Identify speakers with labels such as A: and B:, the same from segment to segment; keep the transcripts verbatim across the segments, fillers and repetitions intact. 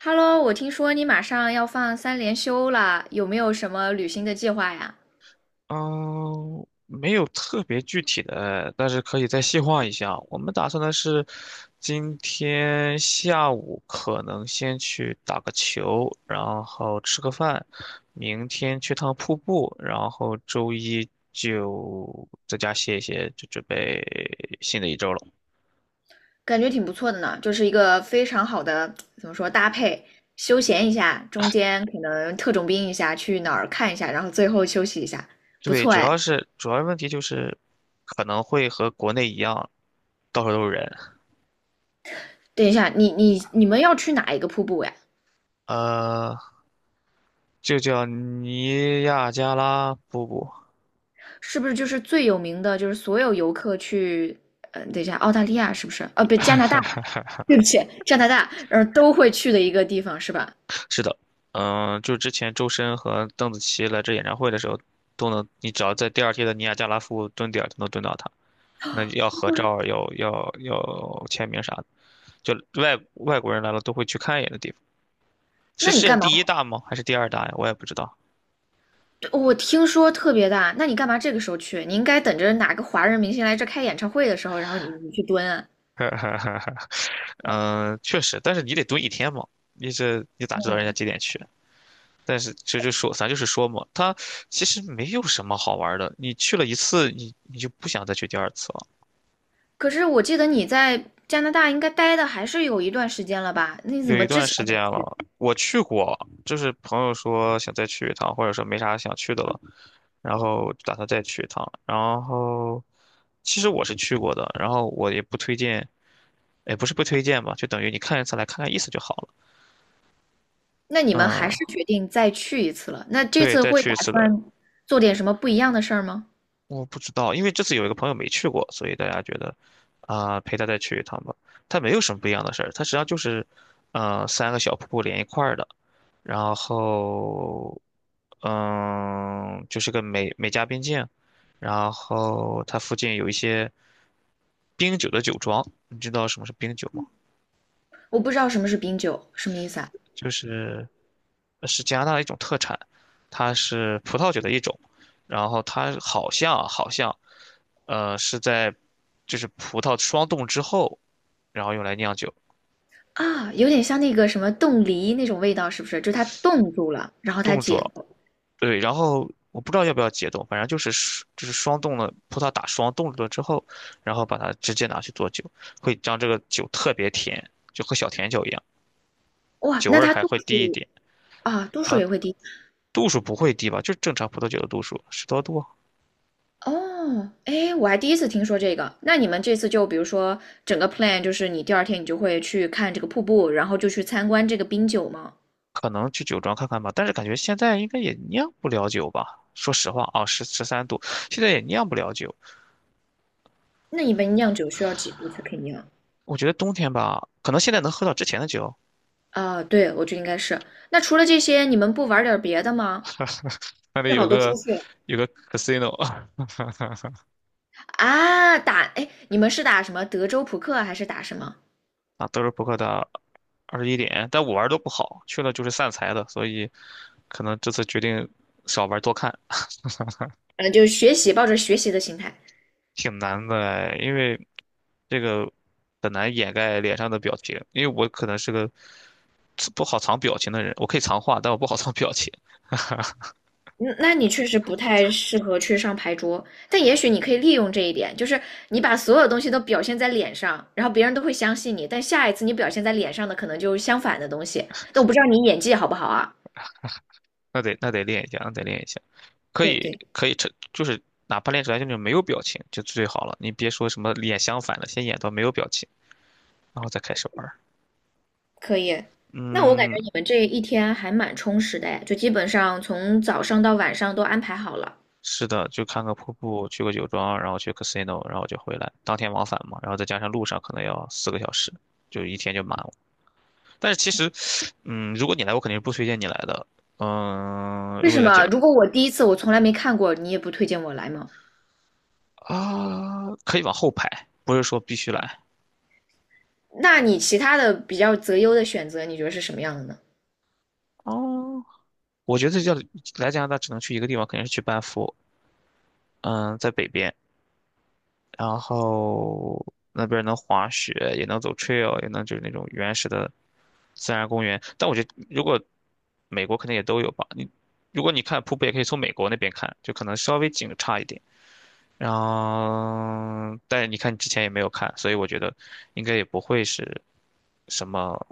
A: Hello，我听说你马上要放三连休了，有没有什么旅行的计划呀？
B: 嗯，没有特别具体的，但是可以再细化一下。我们打算的是，今天下午可能先去打个球，然后吃个饭，明天去趟瀑布，然后周一就在家歇一歇，就准备新的一周了。
A: 感觉挺不错的呢，就是一个非常好的，怎么说，搭配，休闲一下，中间可能特种兵一下，去哪儿看一下，然后最后休息一下，不
B: 对，
A: 错
B: 主要
A: 哎。
B: 是主要问题就是可能会和国内一样，到处都是人。
A: 等一下，你你你们要去哪一个瀑布呀？
B: 呃，就叫尼亚加拉瀑布。
A: 是不是就是最有名的，就是所有游客去，嗯、等一下，澳大利亚是不是？哦，不，加拿大，对不起，加拿大，然后都会去的一个地方是吧？
B: 是的，嗯、就之前周深和邓紫棋来这演唱会的时候，都能，你只要在第二天的尼亚加拉夫蹲点儿就能蹲到他，还能要合照儿要要要签名啥的，就外外国人来了都会去看一眼的地方。是
A: 那
B: 世
A: 你
B: 界
A: 干嘛
B: 第一大吗？还是第二大呀？我也不知道。
A: 我听说特别大，那你干嘛这个时候去？你应该等着哪个华人明星来这开演唱会的时候，然后你你去蹲啊。
B: 嗯，确实，但是你得蹲一天嘛，你这你咋知道人家
A: 嗯，
B: 几点去？但是这就说，咱就是说嘛，它其实没有什么好玩儿的。你去了一次，你你就不想再去第二次了。
A: 可是我记得你在加拿大应该待的还是有一段时间了吧？那你怎
B: 有
A: 么
B: 一
A: 之
B: 段
A: 前，
B: 时间了，我去过，就是朋友说想再去一趟，或者说没啥想去的了，然后打算再去一趟。然后，其实我是去过的，然后我也不推荐，也不是不推荐吧，就等于你看一次来看看意思就好了。
A: 那你们还
B: 嗯，
A: 是决定再去一次了？那这
B: 对，
A: 次
B: 再
A: 会
B: 去
A: 打
B: 一次的，
A: 算做点什么不一样的事儿吗？
B: 我不知道，因为这次有一个朋友没去过，所以大家觉得，啊、陪他再去一趟吧。他没有什么不一样的事儿，它实际上就是，呃，三个小瀑布连一块儿的。然后，嗯，就是个美美加边境，然后它附近有一些冰酒的酒庄，你知道什么是冰酒吗？
A: 我不知道什么是冰酒，什么意思啊？
B: 就是呃是加拿大的一种特产，它是葡萄酒的一种，然后它好像啊好像，呃，是在就是葡萄霜冻之后，然后用来酿酒，
A: 啊，有点像那个什么冻梨那种味道，是不是？就是它冻住了，然后它
B: 冻住
A: 解
B: 了，
A: 冻。
B: 对，然后我不知道要不要解冻，反正就是双就是霜冻了，葡萄打霜冻住了之后，然后把它直接拿去做酒，会将这个酒特别甜，就和小甜酒一样，
A: 哇，
B: 酒味
A: 那
B: 儿
A: 它
B: 还
A: 度
B: 会低一
A: 数
B: 点，
A: 啊，度数也会低
B: 度数不会低吧？就正常葡萄酒的度数，十多度，
A: 哦，哎，我还第一次听说这个。那你们这次就比如说整个 plan 就是你第二天你就会去看这个瀑布，然后就去参观这个冰酒吗？
B: 可能去酒庄看看吧。但是感觉现在应该也酿不了酒吧？说实话啊，十十三度，现在也酿不了酒。
A: 那你们酿酒需要几度才可以酿？
B: 我觉得冬天吧，可能现在能喝到之前的酒，
A: 啊，对，我觉得应该是。那除了这些，你们不玩点别的吗？
B: 那里
A: 正好
B: 有
A: 都出
B: 个
A: 去了
B: 有个 casino,
A: 啊，打，哎，你们是打什么德州扑克还是打什么？
B: 啊，德州扑克的二十一点，但我玩儿都不好，去了就是散财的，所以可能这次决定少玩儿多看，
A: 嗯，就是学习，抱着学习的心态。
B: 挺难的哎因为这个很难掩盖脸上的表情，因为我可能是个不好藏表情的人，我可以藏话，但我不好藏表情，
A: 嗯，那你确实不太适合去上牌桌，但也许你可以利用这一点，就是你把所有的东西都表现在脸上，然后别人都会相信你，但下一次你表现在脸上的可能就是相反的东西，但我不知道你演技好不好啊？
B: 那得那得练一下，那得练一下，可
A: 对
B: 以
A: 对，
B: 可以成，就是哪怕练出来就是没有表情就最好了，你别说什么脸相反的，先演到没有表情，然后再开始玩儿
A: 可以。那我感觉
B: 嗯。
A: 你们这一天还蛮充实的哎，就基本上从早上到晚上都安排好了。
B: 是的，就看个瀑布，去个酒庄，然后去 casino,然后就回来，当天往返嘛，然后再加上路上可能要四个小时，就一天就满了。但是其实，嗯，如果你来，我肯定是不推荐你来的。嗯，
A: 为
B: 如果
A: 什
B: 你来讲
A: 么？如果我第一次我从来没看过，你也不推荐我来吗？
B: 啊，可以往后排，不是说必须来。
A: 那你其他的比较择优的选择，你觉得是什么样的呢？
B: 哦，我觉得叫来加拿大只能去一个地方，肯定是去班夫。嗯，在北边。然后那边儿能滑雪，也能走 trail,也能就是那种原始的自然公园。但我觉得如果美国肯定也都有吧，你如果你看瀑布，也可以从美国那边看，就可能稍微景差一点。然后，但你看你之前也没有看，所以我觉得应该也不会是什么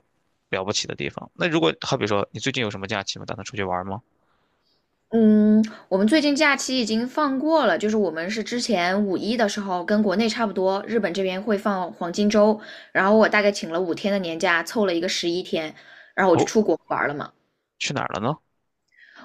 B: 了不起的地方。那如果好比说你最近有什么假期吗？打算出去玩吗？
A: 嗯，我们最近假期已经放过了，就是我们是之前五一的时候跟国内差不多，日本这边会放黄金周，然后我大概请了五天的年假，凑了一个十一天，然后我就
B: 哦，
A: 出国玩了嘛。
B: 去哪儿了呢？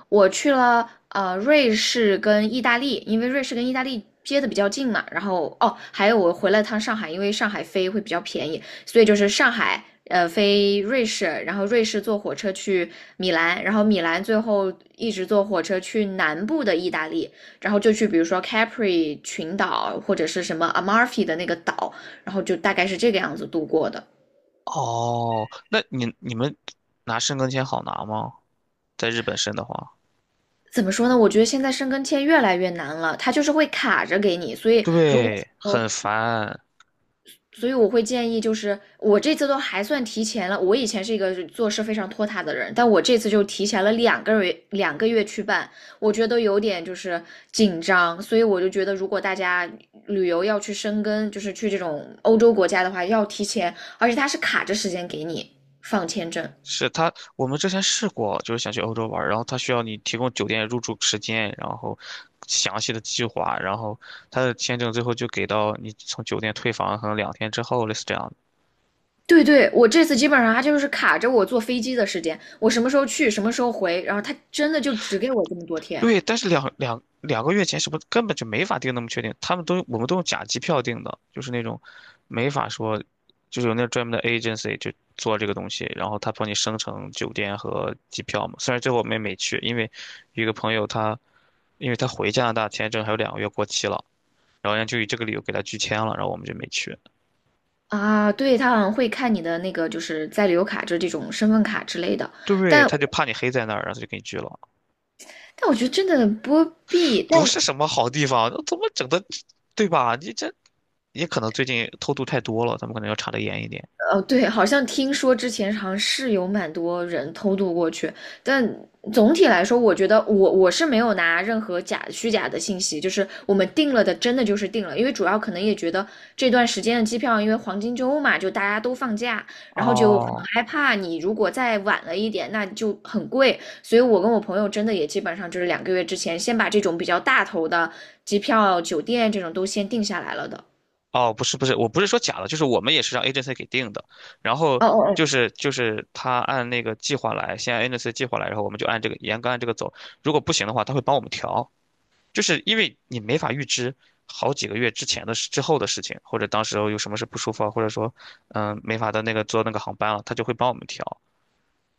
A: 我去了呃瑞士跟意大利，因为瑞士跟意大利接的比较近嘛。然后哦，还有我回了趟上海，因为上海飞会比较便宜，所以就是上海呃飞瑞士，然后瑞士坐火车去米兰，然后米兰最后一直坐火车去南部的意大利，然后就去比如说 Capri 群岛或者是什么 Amalfi 的那个岛，然后就大概是这个样子度过的。
B: 哦，那你你们拿申根签好拿吗？在日本申的话，
A: 怎么说呢？我觉得现在申根签越来越难了，它就是会卡着给你，所以如果
B: 对，
A: 说
B: 很烦。
A: 所以我会建议，就是我这次都还算提前了。我以前是一个做事非常拖沓的人，但我这次就提前了两个月，两个月去办，我觉得有点就是紧张。所以我就觉得，如果大家旅游要去深根，就是去这种欧洲国家的话，要提前，而且它是卡着时间给你放签证。
B: 是他，我们之前试过，就是想去欧洲玩儿，然后他需要你提供酒店入住时间，然后详细的计划，然后他的签证最后就给到你从酒店退房可能两天之后，类似这样
A: 对对，我这次基本上它就是卡着我坐飞机的时间，我什么时候去，什么时候回，然后它真的就只给我这么多天。
B: 对，但是两两两个月前什么根本就没法定那么确定，他们都我们都用假机票定的，就是那种没法说，就是有那专门的 agency 就做这个东西，然后他帮你生成酒店和机票嘛。虽然最后我们也没去，因为有一个朋友他，因为他回加拿大签证还有两个月过期了，然后人家就以这个理由给他拒签了，然后我们就没去。
A: 啊，对，他好像会看你的那个，就是在留卡，就是这种身份卡之类的。
B: 对，
A: 但
B: 他就怕你黑在那儿，然后他就给你拒了。
A: 但我觉得真的不必，但
B: 不是什么好地方，怎么整的，对吧？你这也可能最近偷渡太多了，他们可能要查得严一点。
A: 哦，对，好像听说之前好像是有蛮多人偷渡过去，但总体来说，我觉得我我是没有拿任何假虚假的信息，就是我们定了的，真的就是定了，因为主要可能也觉得这段时间的机票，因为黄金周嘛，就大家都放假，然后就很
B: 哦
A: 害怕你如果再晚了一点，那就很贵，所以我跟我朋友真的也基本上就是两个月之前先把这种比较大头的机票、酒店这种都先定下来了的。
B: 哦，不是不是，我不是说假的，就是我们也是让 agency 给定的，然后
A: 哦哦哦，
B: 就是就是他按那个计划来，先按 agency 计划来，然后我们就按这个严格按这个走，如果不行的话，他会帮我们调，就是因为你没法预知好几个月之前的事、之后的事情，或者当时候有什么事不舒服啊，或者说嗯没法的那个坐那个航班了，他就会帮我们调，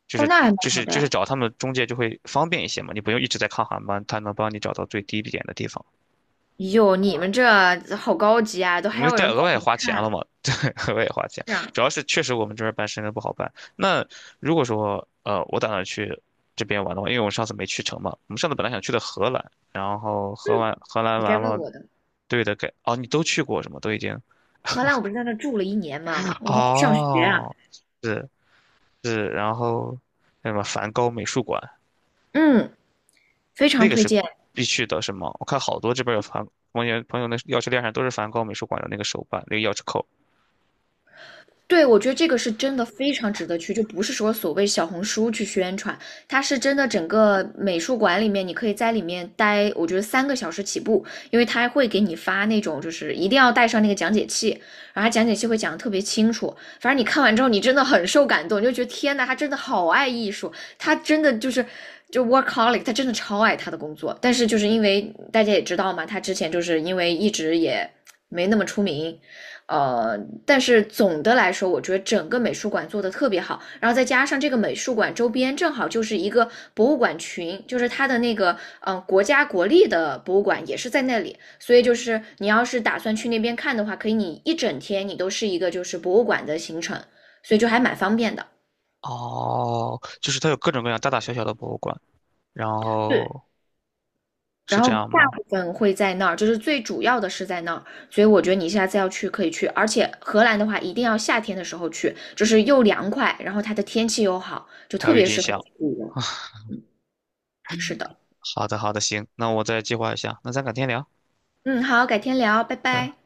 B: 就
A: 哦，
B: 是
A: 那还蛮
B: 就
A: 好
B: 是
A: 的
B: 就是
A: 哎
B: 找他们中介就会方便一些嘛，你不用一直在看航班，他能帮你找到最低一点的地方。
A: 哟，你
B: 啊。
A: 们这好高级啊，都
B: 因
A: 还
B: 为
A: 有
B: 再
A: 人帮
B: 额外
A: 你们
B: 花钱了
A: 看。
B: 嘛，对，额外花钱，
A: 是啊，
B: 主要是确实我们这边办深圳不好办。那如果说呃，我打算去这边玩的话，因为我上次没去成嘛，我们上次本来想去的荷兰，然后荷兰荷兰
A: 你该
B: 完
A: 问
B: 了，
A: 我的。
B: 对的，给哦，你都去过是吗？都已经
A: 荷兰，我不是在那住了一年嘛，我在那上学啊。
B: 哦，是是，然后那什么梵高美术馆
A: 嗯，非
B: 那
A: 常
B: 个
A: 推
B: 是
A: 荐。
B: 必必去的，是吗？我看好多这边有梵，朋友朋友那钥匙链上都是梵高美术馆的那个手办，那个钥匙扣。
A: 对，我觉得这个是真的非常值得去，就不是说所谓小红书去宣传，它是真的整个美术馆里面，你可以在里面待，我觉得三个小时起步，因为它会给你发那种就是一定要带上那个讲解器，然后它讲解器会讲的特别清楚，反正你看完之后，你真的很受感动，你就觉得天呐，他真的好爱艺术，他真的就是就 workaholic，他真的超爱他的工作，但是就是因为大家也知道嘛，他之前就是因为一直也没那么出名，呃，但是总的来说，我觉得整个美术馆做的特别好，然后再加上这个美术馆周边正好就是一个博物馆群，就是他的那个嗯、呃国家国立的博物馆也是在那里，所以就是你要是打算去那边看的话，可以你一整天你都是一个就是博物馆的行程，所以就还蛮方便的。
B: 哦，就是它有各种各样大大小小的博物馆。然
A: 对，
B: 后是
A: 然
B: 这
A: 后
B: 样
A: 大
B: 吗？
A: 部分会在那儿，就是最主要的是在那儿，所以我觉得你下次要去可以去，而且荷兰的话一定要夏天的时候去，就是又凉快，然后它的天气又好，就
B: 还有
A: 特
B: 郁
A: 别
B: 金
A: 适合自
B: 香。
A: 己游。是的，
B: 好的，好的，行，那我再计划一下，那咱改天聊。
A: 嗯，好，改天聊，拜
B: 嗯。
A: 拜。